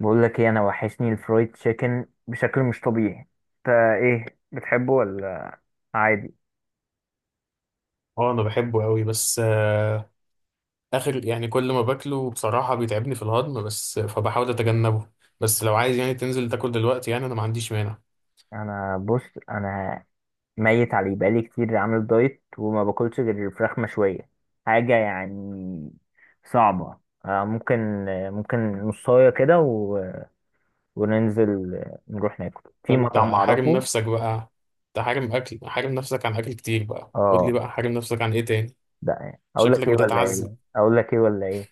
بقول لك ايه؟ انا وحشني الفرايد تشيكن بشكل مش طبيعي. انت ايه، بتحبه ولا عادي؟ اه، انا بحبه قوي بس اخر يعني كل ما باكله بصراحة بيتعبني في الهضم، بس فبحاول اتجنبه. بس لو عايز يعني تنزل تاكل دلوقتي، يعني انا ما عنديش مانع. انا، بص، انا ميت عليه بقالي كتير، عامل دايت وما باكلش غير فراخ مشويه. حاجه يعني صعبه. ممكن نصايه كده و... وننزل، نروح ناكل في فانت مطعم حارم اعرفه. نفسك بقى. انت حارم اكل، حارم نفسك عن اكل كتير، بقى قول اه. لي بقى حارم نفسك عن ايه تاني؟ ده ايه، اقول شكلك لك ايه ولا بتتعذب. ايه اقول لك ايه ولا ايه؟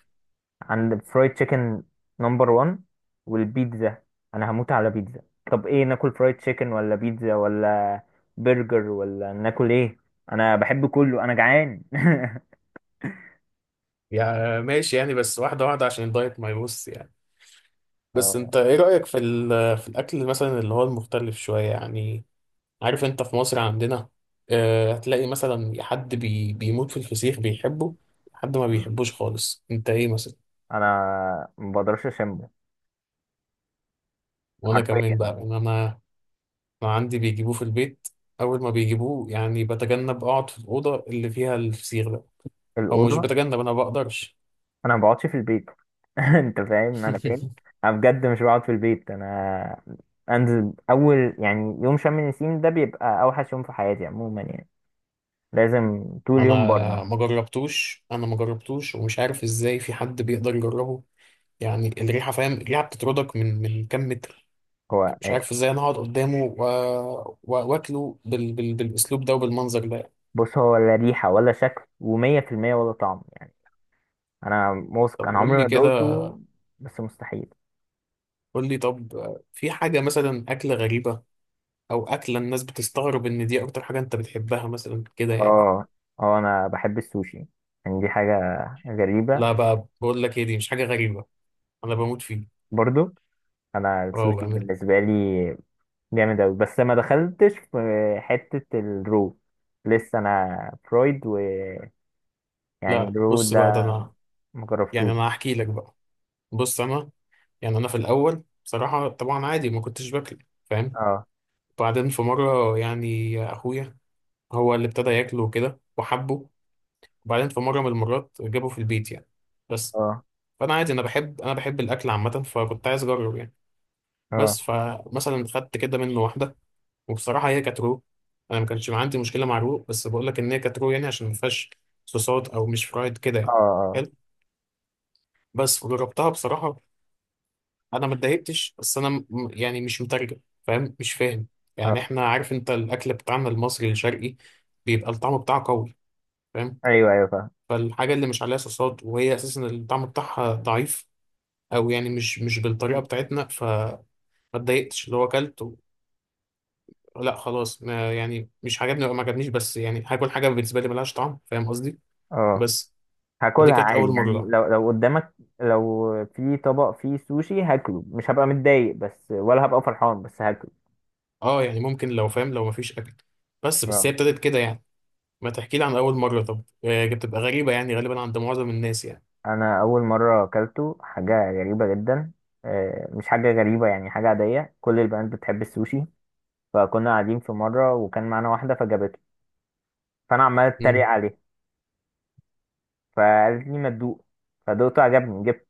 عند الفرايد تشيكن نمبر 1 والبيتزا، انا هموت على بيتزا. طب ايه، ناكل فرايد تشيكن ولا بيتزا ولا برجر ولا ناكل ايه؟ انا بحب كله، انا جعان. يا ماشي يعني، بس واحدة واحدة عشان الدايت ما يبص يعني. بس اه. انت ايه رأيك في في الاكل مثلا اللي هو المختلف شوية يعني؟ عارف انت في مصر عندنا هتلاقي مثلا حد بيموت في الفسيخ بيحبه، حد ما آه. بيحبوش خالص. انت ايه مثلا؟ انا ما بقدرش اشم، وانا كمان حرفيا. بقى، يعني انا عندي بيجيبوه في البيت. اول ما بيجيبوه يعني بتجنب اقعد في الاوضه اللي فيها الفسيخ ده، او مش الاوضه. بتجنب، انا ما بقدرش. انا ما بقعدش في البيت. انت فاهم انا فين؟ انا بجد مش بقعد في البيت، انا انزل. اول يعني يوم شم النسيم ده بيبقى اوحش يوم في حياتي عموما، يعني لازم طول انا يوم بره. انا ما جربتوش ومش عارف ازاي في حد بيقدر يجربه. يعني الريحه، فاهم؟ الريحه بتطردك من كام متر. هو مش عارف ازاي انا هقعد قدامه واكله بالاسلوب ده وبالمنظر ده يعني. بص، هو لا ريحة ولا شكل، ومية في المية ولا طعم يعني. أنا موثق، طب أنا قول عمري ما لي كده، دقته. بس مستحيل. قول لي طب، في حاجه مثلا اكله غريبه، او اكله الناس بتستغرب ان دي اكتر حاجه انت بتحبها مثلا كده يعني؟ اه. اه. أنا بحب السوشي، يعني دي حاجة غريبة. لا بقى، بقول لك ايه، دي مش حاجه غريبه، انا بموت فيه. برضو أنا اه السوشي بامان. بالنسبة لي جامد أوي، بس ما دخلتش في حتة الرو. لسه أنا فرويد ويعني لا الرو بص بقى، ده ده انا يعني مجربتوش. انا هحكي لك بقى. بص انا، يعني انا في الاول بصراحه طبعا عادي ما كنتش باكل، فاهم؟ اه. بعدين في مره يعني اخويا هو اللي ابتدى ياكله كده وحبه، وبعدين في مرة من المرات جابه في البيت يعني. بس، اه. فأنا عادي، أنا بحب الأكل عامة، فكنت عايز أجرب يعني. اه. بس فمثلا خدت كده منه واحدة، وبصراحة هي كانت رو. أنا ما كانش عندي مشكلة مع رو، بس بقول لك إن هي كانت رو يعني عشان ما فيهاش صوصات، أو مش فرايد كده اه. يعني، اه. حلو. بس وجربتها بصراحة، أنا ما اتضايقتش، بس أنا يعني مش مترجم، فاهم مش فاهم؟ يعني آه. إحنا عارف أنت الأكل بتاعنا المصري الشرقي بيبقى الطعم بتاعه قوي، فاهم؟ أيوه أيوه، فاهم. فالحاجة اللي مش عليها صوصات وهي أساسا الطعم بتاعها ضعيف، او يعني مش بالطريقه بتاعتنا، فما اتضايقتش. اللي هو اكلت لا خلاص، ما يعني مش عجبني أو ما عجبنيش، بس يعني هاكل حاجه بالنسبه لي ملهاش طعم، فاهم قصدي؟ اه. بس فدي هاكلها كانت اول عادي يعني، مره. لو قدامك، لو في طبق فيه سوشي هاكله، مش هبقى متضايق بس، ولا هبقى فرحان، بس هاكله. اه يعني ممكن، لو فاهم، لو ما فيش اكل. بس آه. هي ابتدت كده يعني. ما تحكي لي عن اول مره طب، بتبقى غريبه يعني غالبا عند معظم الناس يعني. انا اول مره اكلته حاجه غريبه جدا. مش حاجه غريبه، يعني حاجه عاديه، كل البنات بتحب السوشي. فكنا قاعدين في مره وكان معانا واحده فجابته، فانا عمال اتريق امم عليه. فقالت لي ما تدوق، فدوقته عجبني، جبت.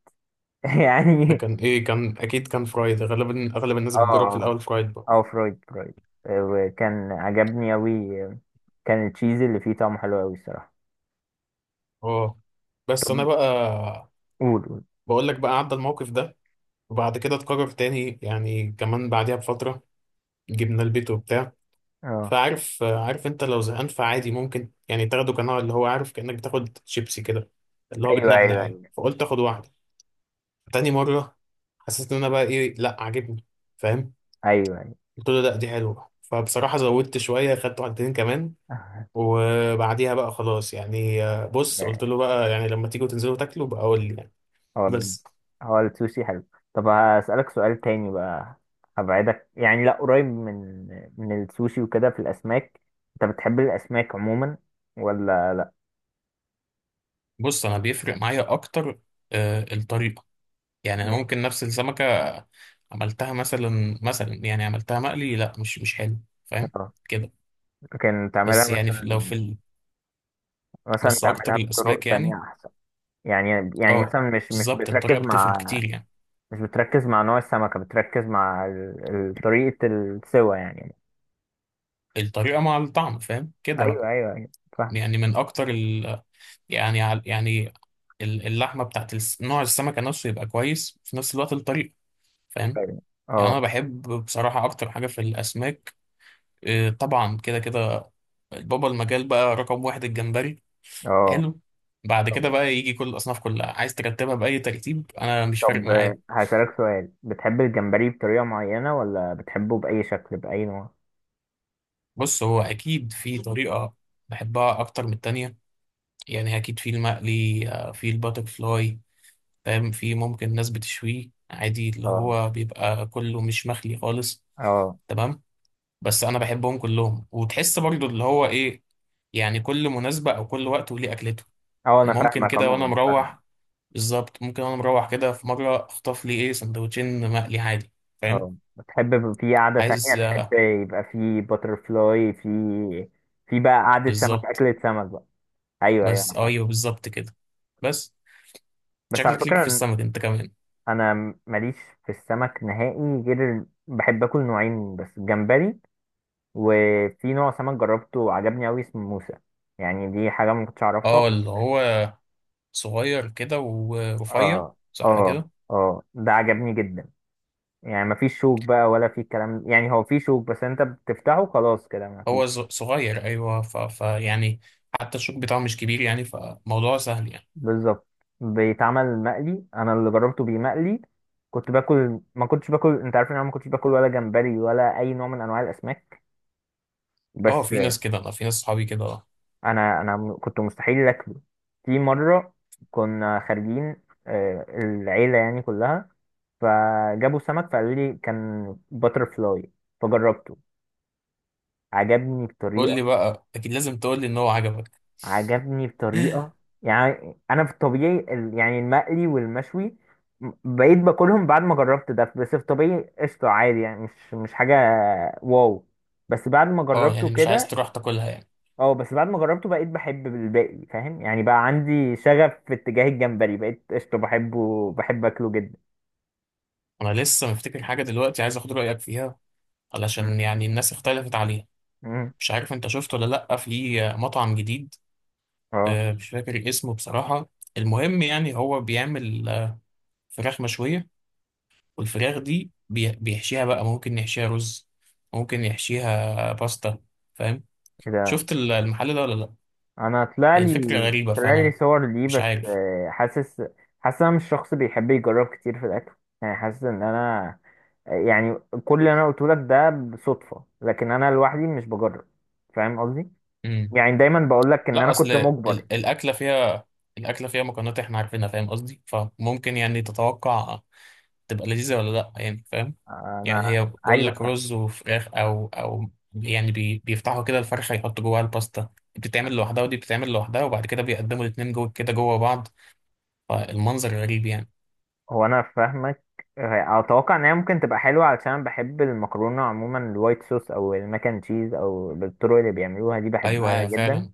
ده يعني. كان ايه؟ كان اكيد كان فرايد غالبا، اغلب الناس اه. بتجرب في اه. الاول فرايد بقى. فرويد فرويد. وكان عجبني اوي، آه. كان التشيز اللي فيه طعمه حلو اوي الصراحه. اه. بس انا بقى، قول قول. بقول لك بقى، عدى الموقف ده وبعد كده اتكرر تاني يعني، كمان بعديها بفتره جبناه البيت وبتاع. اه. فعارف انت لو زهقان، فعادي ممكن يعني تاخده كنوع اللي هو، عارف، كأنك بتاخد شيبسي كده، اللي هو ايوه بتنقنق ايوه يعني. ايوه. فقلت اخد واحدة تاني مرة، حسيت ان انا بقى، ايه، لا عاجبني، فاهم؟ ايوه ايوه. قلت له لا دي حلوة، فبصراحة زودت شوية، خدت واحدتين كمان. وبعديها بقى خلاص يعني، بص قلت له بقى يعني لما تيجوا تنزلوا تاكلوا بقى قول لي يعني. هو. بس. هو السوشي حلو. طب هسألك سؤال تاني بقى. هبعدك يعني لا، قريب من السوشي وكده، في الأسماك. أنت بتحب الأسماك عموما ولا لا؟ بص انا بيفرق معايا اكتر الطريقة. يعني انا مم. ممكن نفس السمكه عملتها مثلا، يعني عملتها مقلي، لا مش حلو، فاهم اه. كده؟ لكن تعملها بس يعني في، لو في مثلا مثلا بس تعملها اكتر بطرق الاسماك يعني. تانية أحسن يعني. يعني اه مثلا مش بالظبط الطريقه بتركز بتفرق مع، كتير يعني، مش بتركز مع نوع السمكة، بتركز مع طريقة السوى يعني. الطريقه مع الطعم، فاهم كده بقى. أيوه أيوه أيوه، فاهم. يعني من اكتر يعني يعني اللحمه بتاعت نوع السمكه نفسه يبقى كويس، في نفس الوقت الطريقه، فاهم؟ طيب. يعني اه انا بحب بصراحه اكتر حاجه في الاسماك، طبعا كده كده، بابا المجال بقى رقم واحد، الجمبري. اه. حلو. بعد كده طبعا. بقى يجي كل الاصناف كلها، عايز ترتبها باي ترتيب، انا مش فارق طب معايا. هسألك سؤال، بتحب الجمبري بطريقة معينة ولا بتحبه بأي شكل بأي نوع؟ بص هو اكيد في طريقه بحبها اكتر من التانية، يعني اكيد في المقلي، في الباتر فلاي، فاهم؟ في ممكن ناس بتشويه عادي، اللي اه. هو بيبقى كله مش مخلي خالص، اه. تمام؟ بس انا بحبهم كلهم، وتحس برضو اللي هو ايه، يعني كل مناسبه او كل وقت وليه اكلته. اه انا يعني ممكن فاهمك كده وانا عموما، فاهم. مروح، بالظبط، ممكن وانا مروح كده في مره اخطف لي ايه سندوتشين مقلي عادي، فاهم؟ اه بتحب في قعدة تانية، عايز، تحب يبقى في باتر فلاي، في، في بقى قعدة سمك، بالظبط. أكلة سمك بقى. أيوه أيوه، بس أنا اه فاهم. ايوه بالظبط كده. بس بس على شكلك ليك في فكرة، السمك انت كمان. أنا ماليش في السمك نهائي، غير بحب آكل نوعين بس، جمبري وفي نوع سمك جربته وعجبني أوي اسمه موسى. يعني دي حاجة ما كنتش أعرفها. اه اللي هو صغير كده ورفيع، اه. صح اه. كده؟ اه ده عجبني جدا. يعني مفيش شوك بقى ولا في كلام، يعني هو في شوك بس انت بتفتحه خلاص كده مفيش. هو صغير ايوه، ف... ف يعني حتى الشوك بتاعه مش كبير يعني، فموضوع سهل يعني. بالظبط. بيتعمل مقلي، انا اللي جربته بمقلي. كنت باكل، ما كنتش باكل، انت عارف ان انا ما كنتش باكل ولا جمبري ولا اي نوع من انواع الاسماك. اه بس في ناس كده، انا في ناس صحابي كده اه. انا كنت مستحيل اكله. في مره كنا خارجين، العيله يعني كلها، فجابوا سمك فقالوا لي كان باتر فلاي، فجربته عجبني قول بطريقة، لي بقى، اكيد لازم تقول لي ان هو عجبك. عجبني بطريقة يعني. أنا في الطبيعي يعني المقلي والمشوي، بقيت باكلهم بعد ما جربت ده. بس في الطبيعي قشطة عادي، يعني مش حاجة واو. بس بعد ما اه جربته يعني مش عايز كده، تروح تاكلها يعني. اه بس بعد ما جربته بقيت بحب الباقي، فاهم يعني، بقى عندي شغف في اتجاه الجمبري، بقيت قشطة بحبه، بحب أكله جدا. انا لسه مفتكر حاجه دلوقتي، عايز اخد رايك فيها مم. علشان يعني الناس اختلفت عليها. مم. مش عارف انت شفت ولا لا في مطعم جديد؟ اه. مش فاكر اسمه بصراحة. المهم يعني هو بيعمل فراخ مشوية، والفراخ دي بيحشيها بقى، ممكن يحشيها رز، ممكن يحشيها باستا، فاهم؟ إيه ده؟ شفت المحل ده ولا لا؟ أنا طلع هي الفكرة لي غريبة، طلع لي فأنا صور ليه، مش بس عارف. حاسس أنا مش شخص بيحب يجرب كتير في الأكل. يعني حاسس إن أنا، يعني كل اللي انا قلته لك ده بصدفه، لكن انا لوحدي مش بجرب، فاهم قصدي؟ مم. يعني دايما بقول لك ان لا انا أصل كنت مجبر. الأكلة فيها، الأكلة فيها مكونات إحنا عارفينها، فاهم قصدي؟ فممكن يعني تتوقع تبقى لذيذة ولا لا، يعني فاهم. يعني انا. هي، بقول ايوه لك، فاهم. رز وفراخ، او يعني بيفتحوا كده الفرخه، يحطوا جواها الباستا. دي بتتعمل لوحدها، ودي بتتعمل لوحدها، وبعد كده بيقدموا الاتنين جوه كده جوه بعض، فالمنظر غريب يعني. هو انا فاهمك، اتوقع ان هي ممكن تبقى حلوه علشان أنا بحب المكرونه عموما، الوايت صوص او الماك اند تشيز، او بالطرق اللي بيعملوها دي ايوه بحبها هي جدا. فعلا،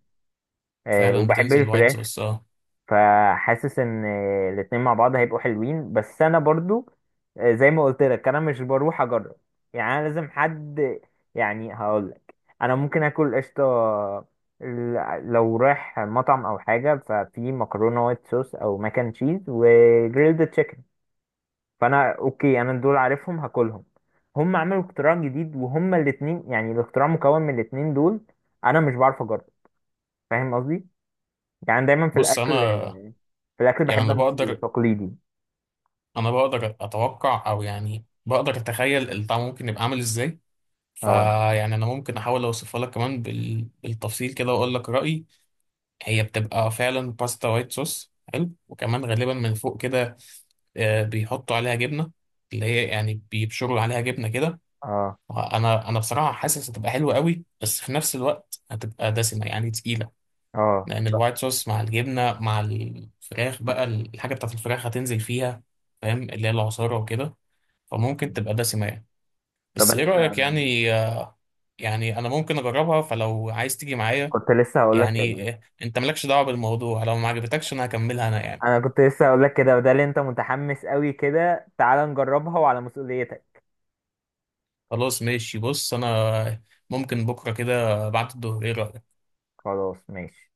أه فعلا وبحب بتنزل وايت الفراخ. صوص، اه. فحاسس ان الاتنين مع بعض هيبقوا حلوين، بس انا برضو زي ما قلت لك انا مش بروح اجرب، يعني انا لازم حد. يعني هقول لك، انا ممكن اكل قشطه لو رايح مطعم او حاجه، ففي مكرونه وايت صوص او ماكن تشيز وجريلد تشيكن، فانا اوكي، انا دول عارفهم هاكلهم. هم عملوا اختراع جديد، وهم الاتنين يعني الاختراع مكون من الاتنين دول، انا مش بعرف اجرب، فاهم قصدي؟ يعني دايما في بص الاكل، انا، في الاكل يعني بحب انا امشي بقدر، تقليدي. اتوقع، او يعني بقدر اتخيل الطعم ممكن يبقى عامل ازاي. اه. فيعني انا ممكن احاول اوصفها لك كمان بالتفصيل كده واقول لك رايي. هي بتبقى فعلا باستا وايت صوص حلو، وكمان غالبا من فوق كده، بيحطوا عليها جبنه، اللي هي يعني بيبشروا عليها جبنه كده. اه. انا بصراحه حاسس هتبقى حلوه قوي، بس في نفس الوقت هتبقى دسمه يعني تقيله، اه. لان الوايت صوص مع الجبنه مع الفراخ بقى، الحاجه بتاعت الفراخ هتنزل فيها، فاهم؟ اللي هي العصاره وكده، فممكن مم. تبقى دسمه يعني. طب بس ايه انت. رايك يعني؟ يعني انا ممكن اجربها، فلو عايز تيجي معايا كنت لسه هقول لك كده. يعني، انت مالكش دعوه بالموضوع، لو ما عجبتكش انا هكملها انا يعني. انا كنت لسه هقول لك كده، وده اللي انت متحمس قوي كده، تعال نجربها وعلى مسؤوليتك. خلاص ماشي. بص انا ممكن بكره كده بعد الظهر، ايه رايك؟ خلاص ماشي